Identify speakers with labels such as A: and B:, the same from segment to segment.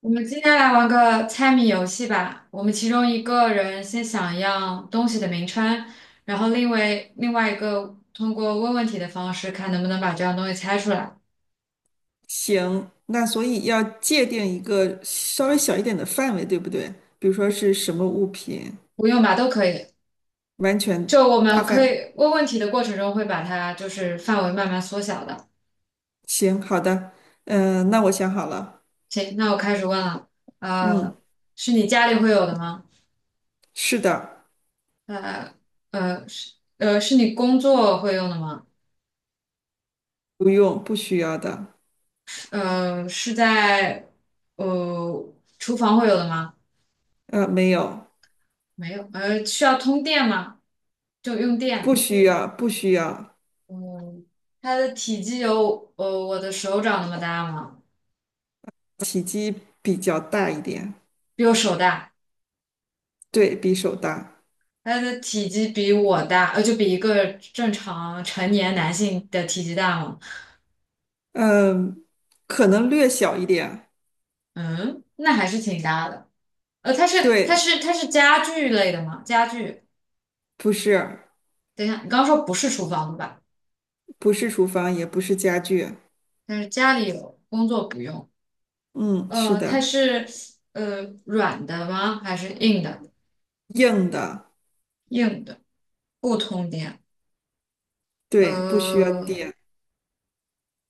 A: 我们今天来玩个猜谜游戏吧。我们其中一个人先想一样东西的名称，然后另外一个通过问问题的方式，看能不能把这样东西猜出来。
B: 行，那所以要界定一个稍微小一点的范围，对不对？比如说是什么物品，
A: 不用吧，都可以。
B: 完全
A: 就我
B: 大
A: 们可
B: 范。
A: 以问问题的过程中，会把它就是范围慢慢缩小的。
B: 行，好的，那我想好了。
A: 行，那我开始问了。
B: 嗯，
A: 呃，是你家里会有的吗？
B: 是的。
A: 呃呃是你工作会用的吗？
B: 不用，不需要的。
A: 呃是在呃厨房会有的吗？
B: 没有。
A: 没有，需要通电吗？就用
B: 不
A: 电。
B: 需要，不需要。
A: 嗯，它的体积有我的手掌那么大吗？
B: 体积比较大一点。
A: 比我手大。
B: 对，比手大。
A: 它的体积比我大，就比一个正常成年男性的体积大吗？
B: 嗯、可能略小一点。
A: 嗯，那还是挺大的。呃，它是它
B: 对。
A: 是它是家具类的吗？家具。
B: 不是，
A: 等一下，你刚刚说不是厨房的吧？
B: 不是厨房，也不是家具。
A: 但是家里有，工作不用。
B: 嗯，是
A: 它
B: 的。
A: 是软的吗？还是硬的？
B: 硬的。
A: 硬的，不通电。
B: 对，不需要
A: 呃，
B: 电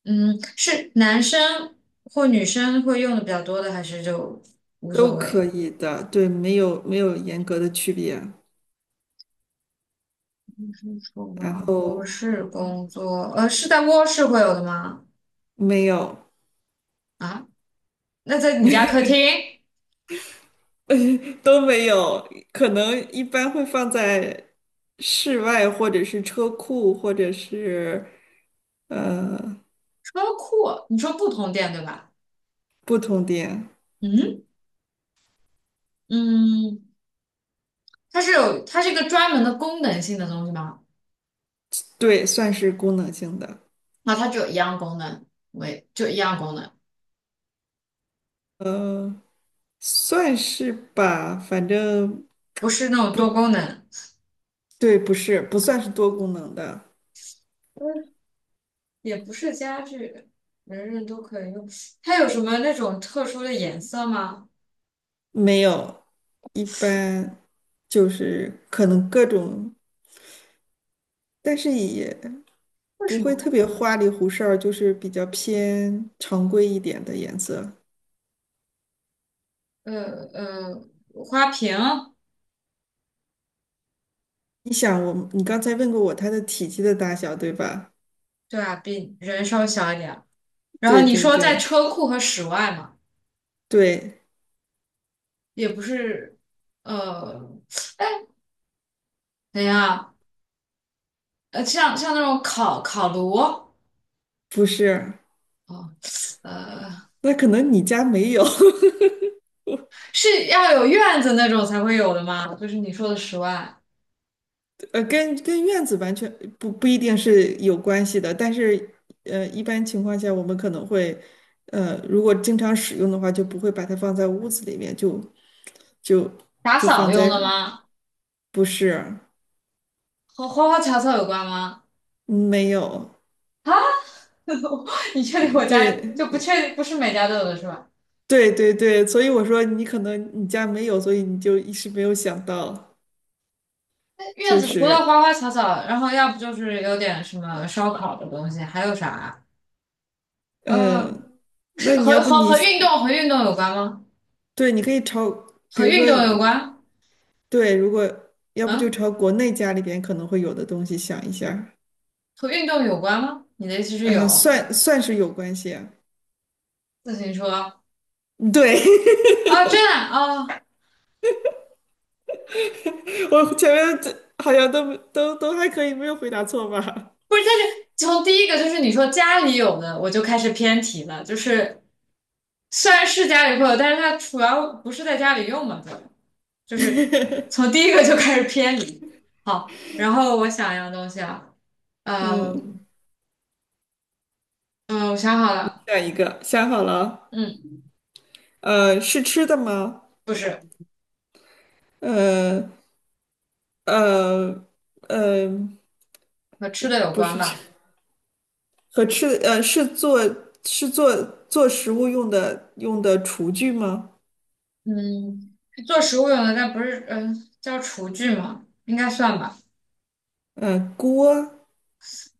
A: 嗯，是男生或女生会用的比较多的，还是就无
B: 都
A: 所
B: 可
A: 谓？
B: 以的。对，没有严格的区别。
A: 是厨
B: 然
A: 房不
B: 后
A: 是工作，是在卧室会有的吗？
B: 没有
A: 啊，那在你家客厅、
B: 都没有，可能一般会放在室外或者是车库或者是呃
A: 车库，你说不通电对吧？
B: 不同店。
A: 嗯嗯，它是一个专门的功能性的东西吗？
B: 对，算是功能性的。
A: 那它就有一样功能，为就一样功能，
B: 呃，算是吧，反正
A: 不是那种
B: 不
A: 多功能。
B: 对，不算是多功能的。
A: 也不是家具，人人都可以用。它有什么那种特殊的颜色吗？
B: 没有，一般就是可能各种。但是也
A: 为
B: 不
A: 什
B: 会特
A: 么？
B: 别花里胡哨儿，就是比较偏常规一点的颜色。
A: 呃呃，花瓶，
B: 你想我，你刚才问过我它的体积的大小，对吧？
A: 对啊，比人稍微小一点。然后
B: 对
A: 你
B: 对
A: 说在
B: 对
A: 车库和室外嘛，
B: 对。
A: 也不是，呃，等一下，像那种烤炉，
B: 不是，
A: 哦，呃，
B: 那可能你家没有。
A: 是要有院子那种才会有的吗？就是你说的室外，
B: 呃，跟院子完全不一定是有关系的，但是呃，一般情况下我们可能会，呃，如果经常使用的话，就不会把它放在屋子里面，就
A: 打
B: 就
A: 扫
B: 放
A: 用
B: 在。
A: 的吗？
B: 不是。
A: 和花花草草有关吗？
B: 嗯没有。
A: 啊？你确定我家就不
B: 对
A: 确定不是每家都有的是吧？
B: 对对对，所以我说你可能你家没有，所以你就一时没有想到。
A: 院
B: 就
A: 子除了
B: 是
A: 花花草草，然后要不就是有点什么烧烤的东西，还有啥嗯，呃
B: 嗯，那
A: 是
B: 你
A: 和
B: 要不
A: 和
B: 你
A: 和运动和运动有关吗？
B: 对，你可以朝，比
A: 和
B: 如说
A: 运动有关？
B: 对，如果要不就
A: 嗯，
B: 朝国内家里边可能会有的东西想一下。
A: 和运动有关吗？你的意思是
B: 嗯，
A: 有
B: 算是有关系啊。
A: 自行车
B: 对，
A: 啊？真的啊，
B: 我前面这好像都还可以，没有回答错吧？
A: 从第一个就是你说家里有的，我就开始偏题了，就是虽然是家里会有，但是它主要不是在家里用嘛，对吧？就是从第一个就开始偏离。好，然后我想一样东西啊，呃，
B: 嗯，
A: 嗯，我想好了，
B: 下一个想好了。
A: 嗯，
B: 是吃的吗？
A: 不是
B: 呃呃呃。
A: 和吃的有
B: 不
A: 关
B: 是吃
A: 吧？
B: 和吃，呃，是做做食物用的用的厨具吗？
A: 嗯，做食物用的，但不是，嗯、叫厨具嘛，应该算吧？
B: 呃，锅、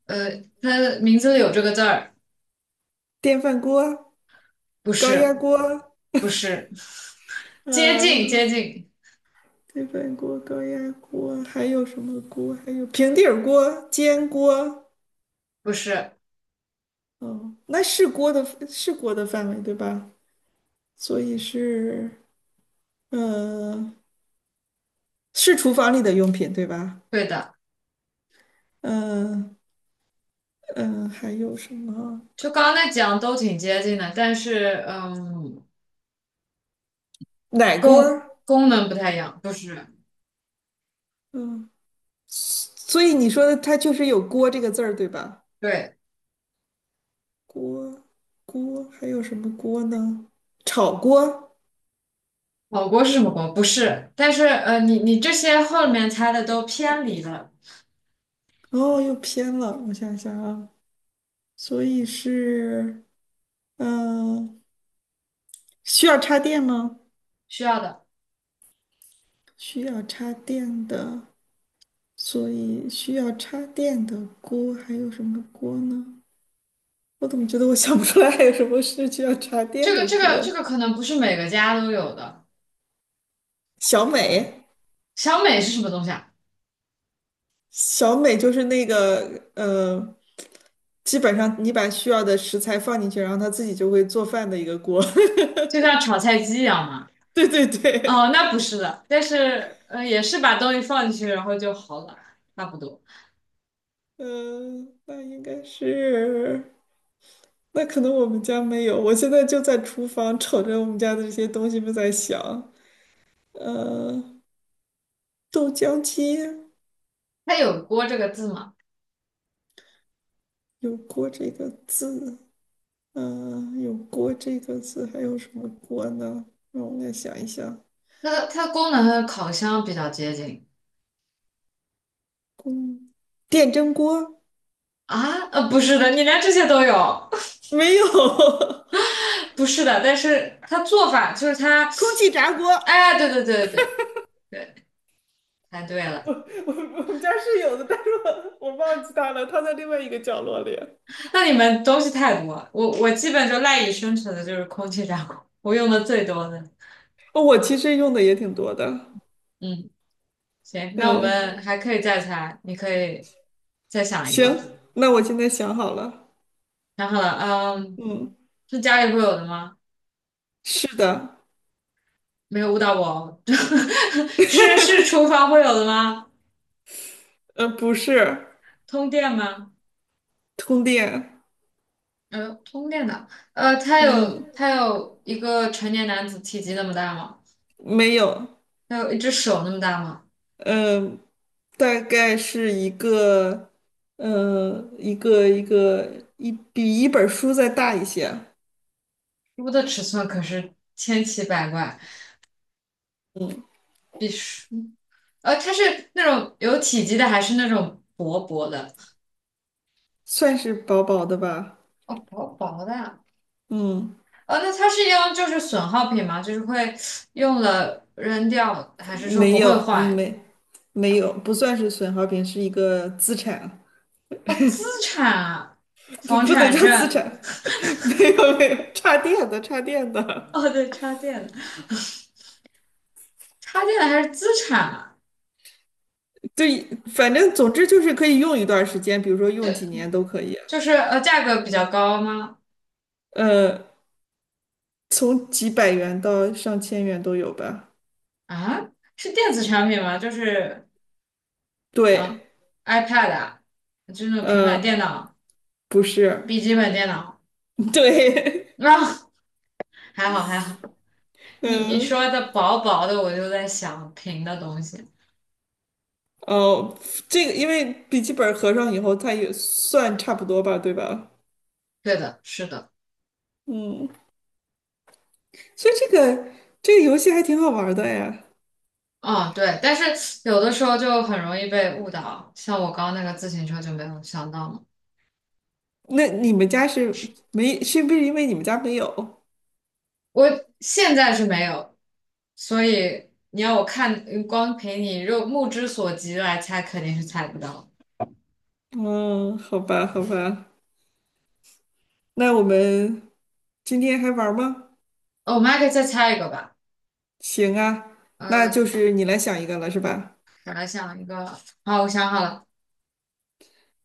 A: 它的名字里有这个字儿，
B: 电饭锅、
A: 不
B: 高压
A: 是，
B: 锅。
A: 不是，接近，接
B: 嗯、
A: 近，
B: 电饭锅、高压锅，还有什么锅？还有平底儿锅、煎锅。
A: 不是，
B: 哦，那是锅的，是锅的范围对吧？所以是，呃，是厨房里的用品对吧？
A: 对的，
B: 嗯、嗯、还有什么？
A: 就刚刚那几样都挺接近的，但是，
B: 奶锅儿。
A: 功能不太一样，不是，
B: 嗯、所以你说的它就是有锅这个字儿，对吧？
A: 对。
B: 锅锅还有什么锅呢？炒锅。
A: 火锅是什么锅？不是，但是你这些后面猜的都偏离了，
B: 哦，又偏了，我想想啊。所以是嗯、呃需要插电吗？
A: 需要的。
B: 需要插电的，所以需要插电的锅还有什么锅呢？我怎么觉得我想不出来还有什么是需要插电
A: 这个
B: 的
A: 这个
B: 锅？
A: 这个可能不是每个家都有的。
B: 小美。
A: 小美是什么东西啊？
B: 小美就是那个基本上你把需要的食材放进去，然后它自己就会做饭的一个锅。
A: 就像炒菜机一样吗？
B: 对对
A: 哦，
B: 对。
A: 那不是的，但是也是把东西放进去，然后就好了，差不多。
B: 嗯，那应该是，那可能我们家没有。我现在就在厨房瞅着我们家的这些东西们在想。呃，豆浆机
A: 它有"锅"这个字吗？
B: 有锅这个字。有锅这个字，还有什么锅呢？让我来想一想。
A: 它的功能和烤箱比较接近
B: 空，电蒸锅。
A: 啊？不是的，你连这些都有，
B: 没有，
A: 不是的，但是它做法就是它，
B: 空气炸锅。
A: 哎，对对对对对，猜对了。
B: 我我们家是有的，但是我我忘记它了，它在另外一个角落里。
A: 那你们东西太多了，我基本就赖以生存的就是空气炸锅，我用的最多的。
B: 哦，我其实用的也挺多的。
A: 嗯，行，那我
B: 嗯，
A: 们还可以再猜，你可以再想一个。
B: 行，那我现在想好了。
A: 想好了，嗯，
B: 嗯，
A: 是家里会有的吗？
B: 是的。
A: 没有误导我哦 是厨房会有的吗？
B: 不是。
A: 通电吗？
B: 通电。
A: 通电的，它
B: 嗯，
A: 有它有一个成年男子体积那么大吗？
B: 没有。
A: 它有一只手那么大吗？
B: 嗯，大概是一个，嗯，一个一比一本书再大一些。
A: 猪的尺寸可是千奇百怪，比鼠。它是那种有体积的，还是那种薄薄的？
B: 算是薄薄的吧。
A: 哦，薄薄的啊。
B: 嗯。
A: 哦，那它是用就是损耗品吗？就是会用了扔掉，还是说
B: 没
A: 不会
B: 有，
A: 坏？
B: 没有，不算是损耗品，是一个资产。
A: 哦，资产啊，
B: 不
A: 房
B: 不能
A: 产
B: 叫资
A: 证。
B: 产。没有没有，插电的，
A: 哦，对，插电的，插电的还是资产啊？
B: 对，反正总之就是可以用一段时间，比如说用
A: 对，
B: 几年都可以。
A: 就是价格比较高吗？
B: 呃，从几百元到上千元都有吧。
A: 啊，是电子产品吗？就是啊
B: 对。
A: ，iPad 啊，就是那种平板电
B: 嗯，
A: 脑、
B: 不是。
A: 笔记本电脑。
B: 对。
A: 啊，还好还好。你
B: 嗯、
A: 说的薄薄的，我就在想平的东西。
B: 哦，这个因为笔记本合上以后，它也算差不多吧，对吧？
A: 对的，是的，
B: 嗯。所以这个游戏还挺好玩的呀。
A: 嗯，对。但是有的时候就很容易被误导，像我刚刚那个自行车就没有想到嘛。
B: 那你们家是没，是不是因为你们家没有？
A: 我现在是没有，所以你要我看，光凭你肉目之所及来猜，肯定是猜不到。
B: 嗯，好吧，好吧。那我们今天还玩吗？
A: 哦，我们还可以再猜一个吧。
B: 行啊，那就
A: 嗯、
B: 是你来想一个了，是吧？
A: 我来想一个。好，我想好了，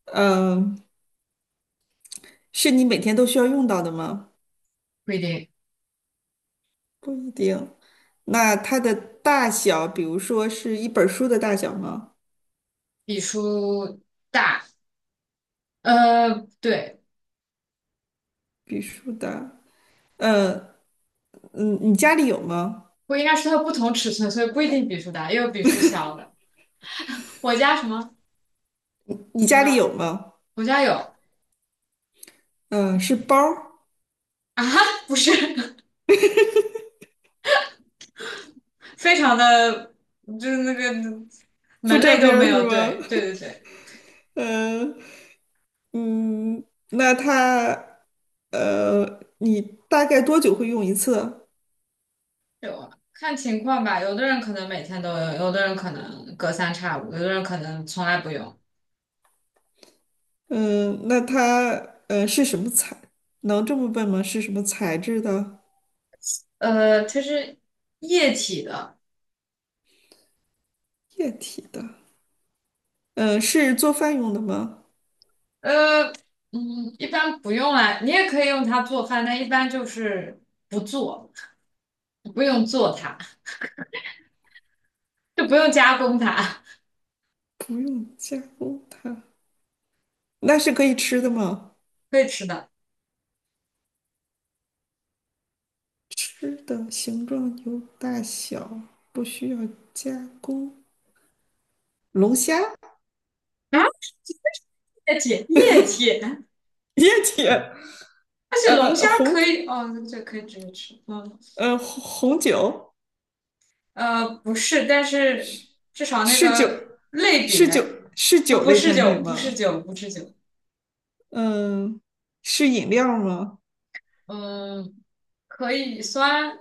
B: 嗯，是你每天都需要用到的吗？
A: 不一定，
B: 不一定。那它的大小，比如说是一本书的大小吗？
A: 比书大。对。
B: 比书大。嗯。嗯，你家里有吗？
A: 不应该是它不同尺寸，所以不一定笔数大，也有笔数小的。我家什么？
B: 你
A: 你
B: 家里
A: 看，
B: 有吗？
A: 我家有
B: 嗯，是包儿，
A: 啊，不是，非常的，就是那个
B: 不
A: 门类
B: 沾
A: 都
B: 边
A: 没
B: 儿是
A: 有。
B: 吗？
A: 对，对对 对，
B: 嗯。嗯，那它，呃，你大概多久会用一次？
A: 有啊，看情况吧。有的人可能每天都用，有的人可能隔三差五，有的人可能从来不用。
B: 嗯，那它，呃，是什么材？能这么问吗？是什么材质的？
A: 它是液体的，
B: 液体的？嗯，是做饭用的吗？
A: 呃，嗯，一般不用啊。你也可以用它做饭，但一般就是不做，不用做它，就不用加工它。
B: 不用加工它，那是可以吃的吗？
A: 可以吃的
B: 吃的形状有大小，不需要加工。龙虾。
A: 啊，液体液体，
B: 液体。
A: 而且龙
B: 呃，
A: 虾
B: 红，
A: 可以哦，这可以直接吃。嗯，
B: 呃，红酒。
A: 不是，但是至少那
B: 是酒，
A: 个类
B: 是酒，
A: 别，
B: 是
A: 不
B: 酒
A: 不
B: 类
A: 是
B: 产
A: 酒，
B: 品
A: 不是
B: 吗？
A: 酒，不是酒。
B: 嗯，是饮料吗？
A: 嗯，可以酸。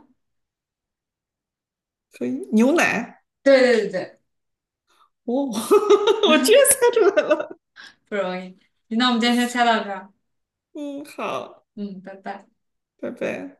B: 可以，牛奶。
A: 对对对对，
B: 哦，我居然猜出来了。
A: 不容易。那我们今天先猜到这儿。
B: 嗯，好，
A: 嗯，拜拜。
B: 拜拜。